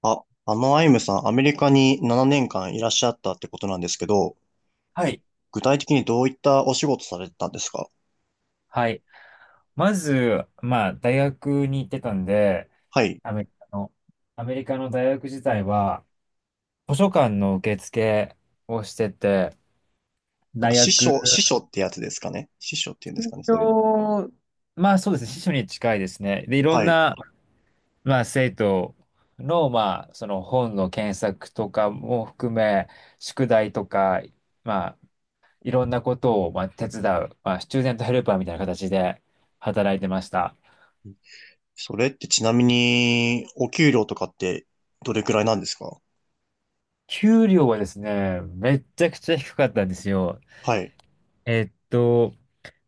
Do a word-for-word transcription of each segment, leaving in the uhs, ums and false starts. あ、あのアイムさん、アメリカにななねんかんいらっしゃったってことなんですけど、はい。具体的にどういったお仕事されてたんですか？はい。まず、まあ、大学に行ってたんで、はい。アメリカの、アメリカの大学自体は、図書館の受付をしてて、なん大か師匠、学、師匠ってやつですかね？師匠っていうんです身かね、そういうの。長、まあそうですね、司書に近いですね。で、いろんはい。な、まあ、生徒の、まあ、その本の検索とかも含め、宿題とか、まあ、いろんなことを、まあ、手伝う、まあ、スチューデントヘルパーみたいな形で働いてました。それってちなみに、お給料とかってどれくらいなんですか？給料はですね、めっちゃくちゃ低かったんですよ。はい。えっと、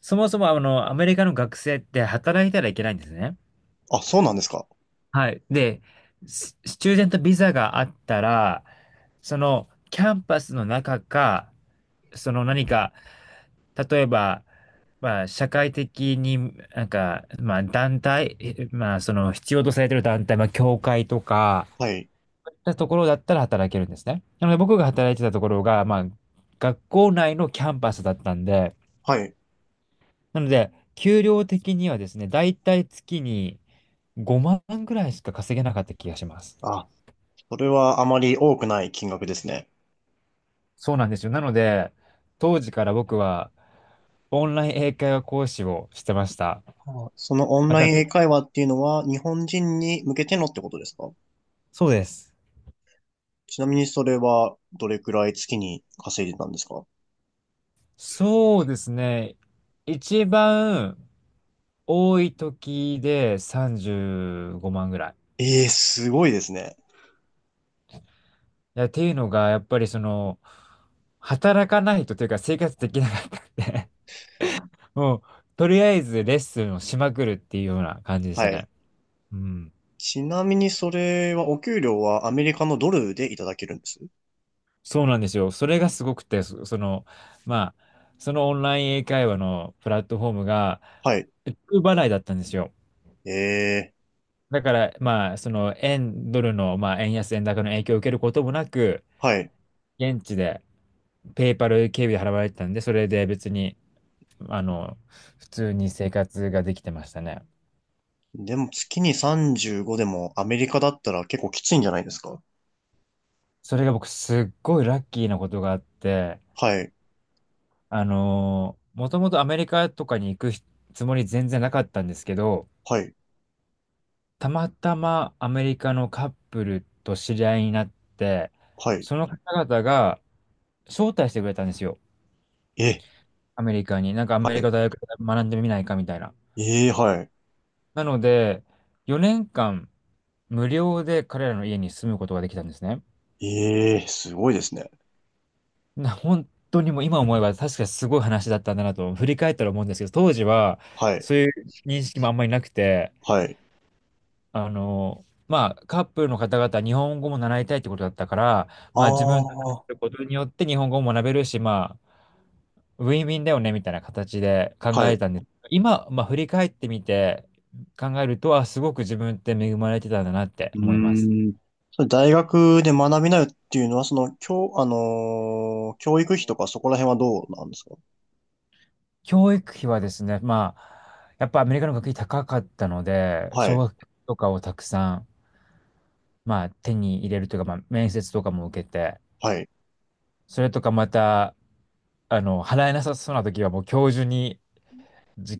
そもそもあの、アメリカの学生って働いたらいけないんですね。あ、そうなんですか？はい。で、ススチューデントビザがあったら、そのキャンパスの中か、その何か、例えば、まあ、社会的に、なんか、まあ、団体、えまあ、その必要とされてる団体、まあ、教会とか、はい。たところだったら働けるんですね。なので僕が働いてたところが、まあ、学校内のキャンパスだったんで、はい。なので、給料的にはですね、だいたい月にごまんぐらいしか稼げなかった気がします。あ、それはあまり多くない金額ですね。そうなんですよ。なので、当時から僕はオンライン英会話講師をしてました。あ、そのオンまライた、ン英会話っていうのは日本人に向けてのってことですか？そうです。ちなみにそれはどれくらい月に稼いでたんですか？そうですね。一番多い時でさんじゅうごまんぐらい。ええー、すごいですね。いや、っていうのが、やっぱりその、働かないとというか生活できなかったんで もう、とりあえずレッスンをしまくるっていうような感じでしはたい。ね。うん。ちなみにそれはお給料はアメリカのドルでいただけるんです？そうなんですよ。それがすごくて、そ、その、まあ、そのオンライン英会話のプラットフォームが、はい。ド払いだったんですよ。ええだから、まあ、その、円、ドルの、まあ、円安、円高の影響を受けることもなく、ー、はい。現地で、ペイパル経由で払われてたんで、それで別に、あの、普通に生活ができてましたね。でも月にさんじゅうごでもアメリカだったら結構きついんじゃないですか？それが僕すっごいラッキーなことがあって、はい。あのー、もともとアメリカとかに行くつもり全然なかったんですけど、はい。たまたまアメリカのカップルと知り合いになって、はい。その方々が招待してくれたんですよ。え、アメリカに。なんかアはメリい。カ大学で学んでみないかみたいな。ええー、はい。なので、よねんかん無料で彼らの家に住むことができたんですね。ええー、すごいですね。な、本当にもう今思えば確かにすごい話だったんだなと振り返ったら思うんですけど、当時ははい。そういう認識もあんまりなくて、はい。あの、まあカップルの方々は日本語も習いたいってことだったから、あまあ自分たちのするあ、ことによって日本語も学べるし、まあウィンウィンだよねみたいな形で考はえい。たんです。今、まあ振り返ってみて考えると、あ、すごく自分って恵まれてたんだなってう思います。ーん。それ大学で学びなよっていうのは、その、教、あのー教育費とかそこら辺はどうなんですか？教育費はですね、まあ、やっぱアメリカの学費高かったので、は奨い、学金とかをたくさん、まあ、手に入れるというか、まあ、面接とかも受けて、はい、それとかまた、あの、払えなさそうな時はもう教授に直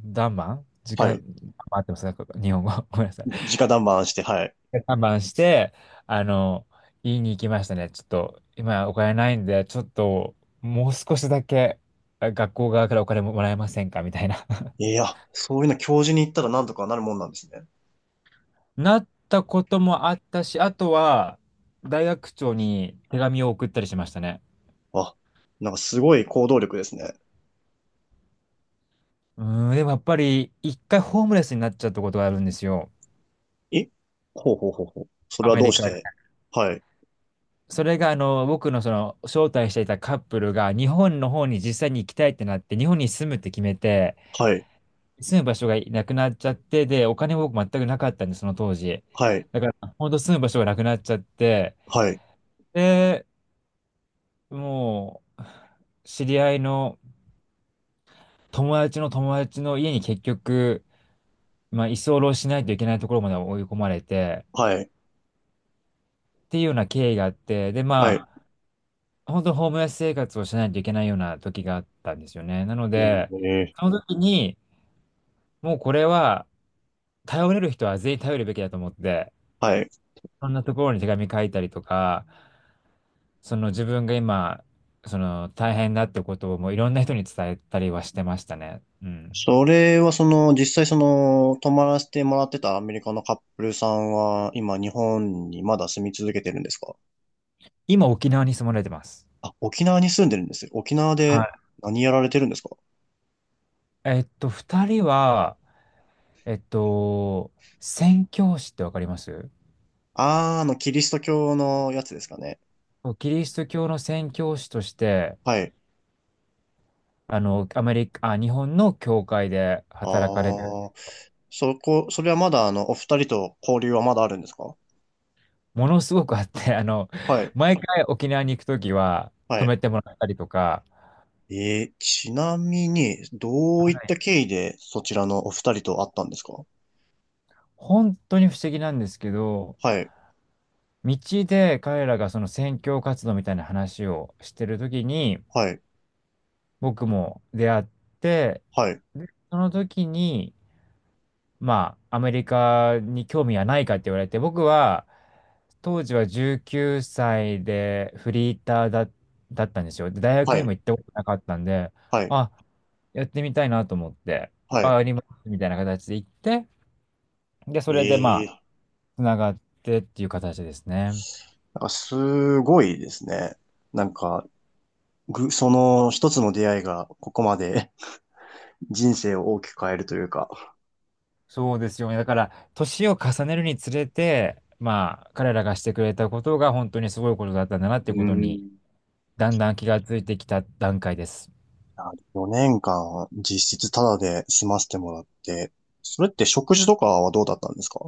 談判は直、あい。合ってますか日本語。ごめんなさい。直談判して、はい。談判して、あの、言いに行きましたね。ちょっと、今お金ないんで、ちょっと、もう少しだけあ学校側からお金ももらえませんかみたいな。いや、そういうの教授に言ったらなんとかなるもんなんですね。なったこともあったし、あとは、大学長に手紙を送ったりしましたね。あ、なんかすごい行動力ですね。うーん、でもやっぱり、一回ホームレスになっちゃったことがあるんですよ。え、ほうほうほうほう。それアはメどうリしカで。て？はい、それが、あの、僕のその、招待していたカップルが、日本の方に実際に行きたいってなって、日本に住むって決めて、はい、住む場所がなくなっちゃって、で、お金も僕全くなかったんで、その当時。はい、ほんと住む場所がなくなっちゃって、はい、で、もう、知り合いの友達の友達の家に結局、まあ、居候しないといけないところまで追い込まれて、はい、っていうような経緯があって、で、はい。えまあ、本当ホームレス生活をしないといけないような時があったんですよね。なので、ー、その時に、もうこれは、頼れる人は全員頼るべきだと思って、はい。そんなところに手紙書いたりとか、その自分が今、その大変だってことをもういろんな人に伝えたりはしてましたね。うん。それはその、実際その、泊まらせてもらってたアメリカのカップルさんは、今日本にまだ住み続けてるんですか？今沖縄に住まれてます。あ、沖縄に住んでるんですよ。沖縄はでい。何やられてるんですか？えっと、二人は、えっと、宣教師ってわかりますあー、あの、キリスト教のやつですかね。そうキリスト教の宣教師として、はい。あの、アメリカ、あ、日本の教会であ働かれてる、あ、そこ、それはまだあの、お二人と交流はまだあるんですか？ものすごくあって、あの、はい。毎回沖縄に行くときはは泊い。めてもらったりとか、えー、ちなみに、どういはったい経緯でそちらのお二人と会ったんですか？本当に不思議なんですけど、はい。道で彼らがその宣教活動みたいな話をしてるときに、はい。僕も出会って、はい。で、その時に、まあ、アメリカに興味はないかって言われて、僕は、当時はじゅうきゅうさいでフリーターだ、だったんですよ。で大学はにい。も行ったことなかったんで、はい。あ、やってみたいなと思って、はあ、い。ありますみたいな形で行って、で、それでまあ、ええ、つながってっていう形ですね。なんかすごいですね。なんか、ぐ、その一つの出会いがここまで 人生を大きく変えるというか、そうですよね。だから、年を重ねるにつれて、まあ、彼らがしてくれたことが本当にすごいことだったんだなっていううことに、ん。だんだん気がついてきた段階です。よねんかん実質タダで済ませてもらって、それって食事とかはどうだったんですか？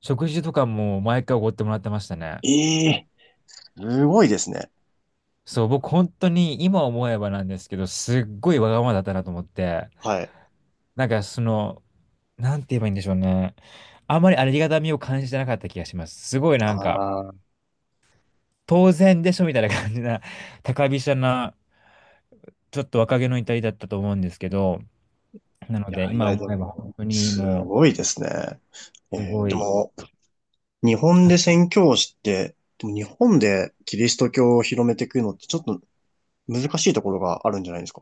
食事とかも毎回おごってもらってましたね。ええ、すごいですね。そう、僕本当に今思えばなんですけど、すっごいわがままだったなと思って、はい。なんかその、なんて言えばいいんでしょうね。あんまりありがたみを感じてなかった気がします。すごいなんか、ああ、当然でしょみたいな感じな、高飛車な、ちょっと若気の至りだったと思うんですけど、ないのでやい今や、思でえば本も、当にすもごいですね。う、すえーごでい、も、日本で宣教師って、でも日本でキリスト教を広めていくのってちょっと難しいところがあるんじゃないですか？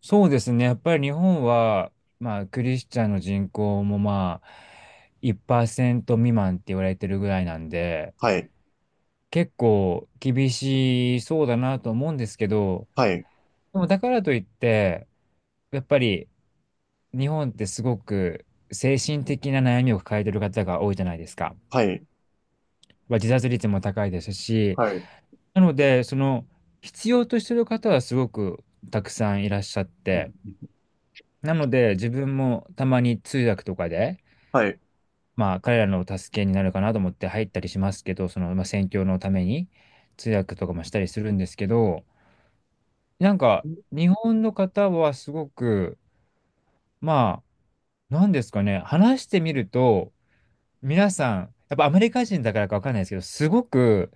そうですね。やっぱり日本は、まあ、クリスチャンの人口もまあ、いちパーセント未満って言われてるぐらいなんで、はい、結構厳しそうだなと思うんですけど、はい、でもだからといって、やっぱり日本ってすごく精神的な悩みを抱えてる方が多いじゃないですか。はい、まあ自殺率も高いですし、はい、なので、その、必要としてる方はすごくたくさんいらっしゃっうて、ん、なので、自分もたまに通訳とかで、はい。まあ、彼らの助けになるかなと思って入ったりしますけど、その、まあ、宣教のために通訳とかもしたりするんですけど、なんか、日本の方はすごく、まあ、なんですかね、話してみると、皆さん、やっぱアメリカ人だからかわかんないですけど、すごく、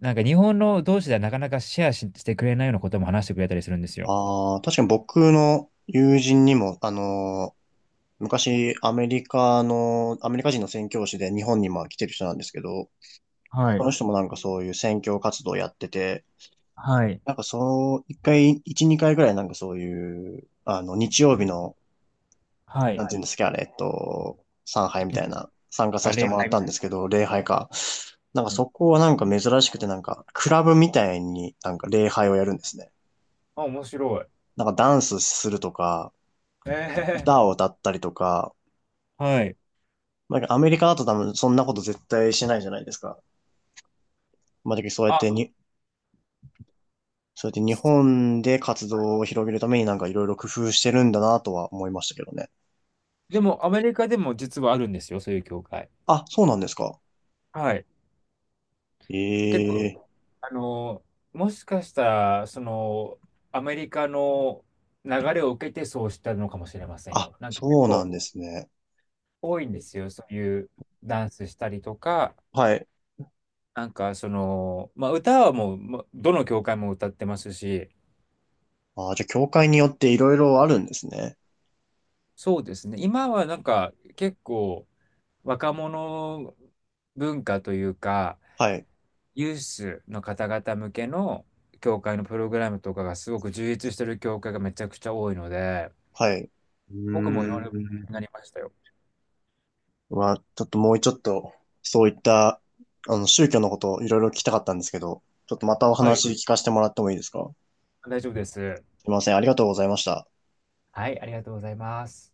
なんか日本の同士ではなかなかシェアししてくれないようなことも話してくれたりするんですよ。ああ、確かに僕の友人にも、あのー昔アメリカの、アメリカ人の宣教師で日本にも来てる人なんですけど、はそい、の人もなんかそういう宣教活動をやってて、はい、なんかそう、一回、一、二回ぐらいなんかそういう、あの、日曜日の、はなんい。ていうんですか、あれ、えっと、参拝みたいな、参加あさせてれ、もらはったい。んですけど、礼拝か。なんかそこはなんか珍しくて、なんか、クラブみたいになんか礼拝をやるんですね。あ、面白い。なんかダンスするとか、ええ歌を歌ったりとか、はい。まあ、アメリカだと多分そんなこと絶対しないじゃないですか。まあ、だけどそうやっあ、てに、そうやって日そ本で活動を広げるためになんかいろいろ工夫してるんだなとは思いましたけどね。でも、アメリカでも実はあるんですよ、そういう教会。あ、そうなんですか。はい。結構、ええ、あの、もしかしたら、その、アメリカの流れを受けてそうしたのかもしれませんあ、よ。なんか結そうなん構ですね。多いんですよ、そういうダンスしたりとか、はい。なんかその、まあ、歌はもう、まどの教会も歌ってますし、あ、じゃあ、教会によっていろいろあるんですね。そうですね、今はなんか結構若者文化というか、はい。ユースの方々向けの教会のプログラムとかがすごく充実してる教会がめちゃくちゃ多いので、はい。う僕もいろーいろん。なりましたよ。は、ちょっともうちょっと、そういった、あの、宗教のことをいろいろ聞きたかったんですけど、ちょっとまたおはい。話聞かせてもらってもいいですか？大丈夫です。すいません。ありがとうございました。はい、ありがとうございます。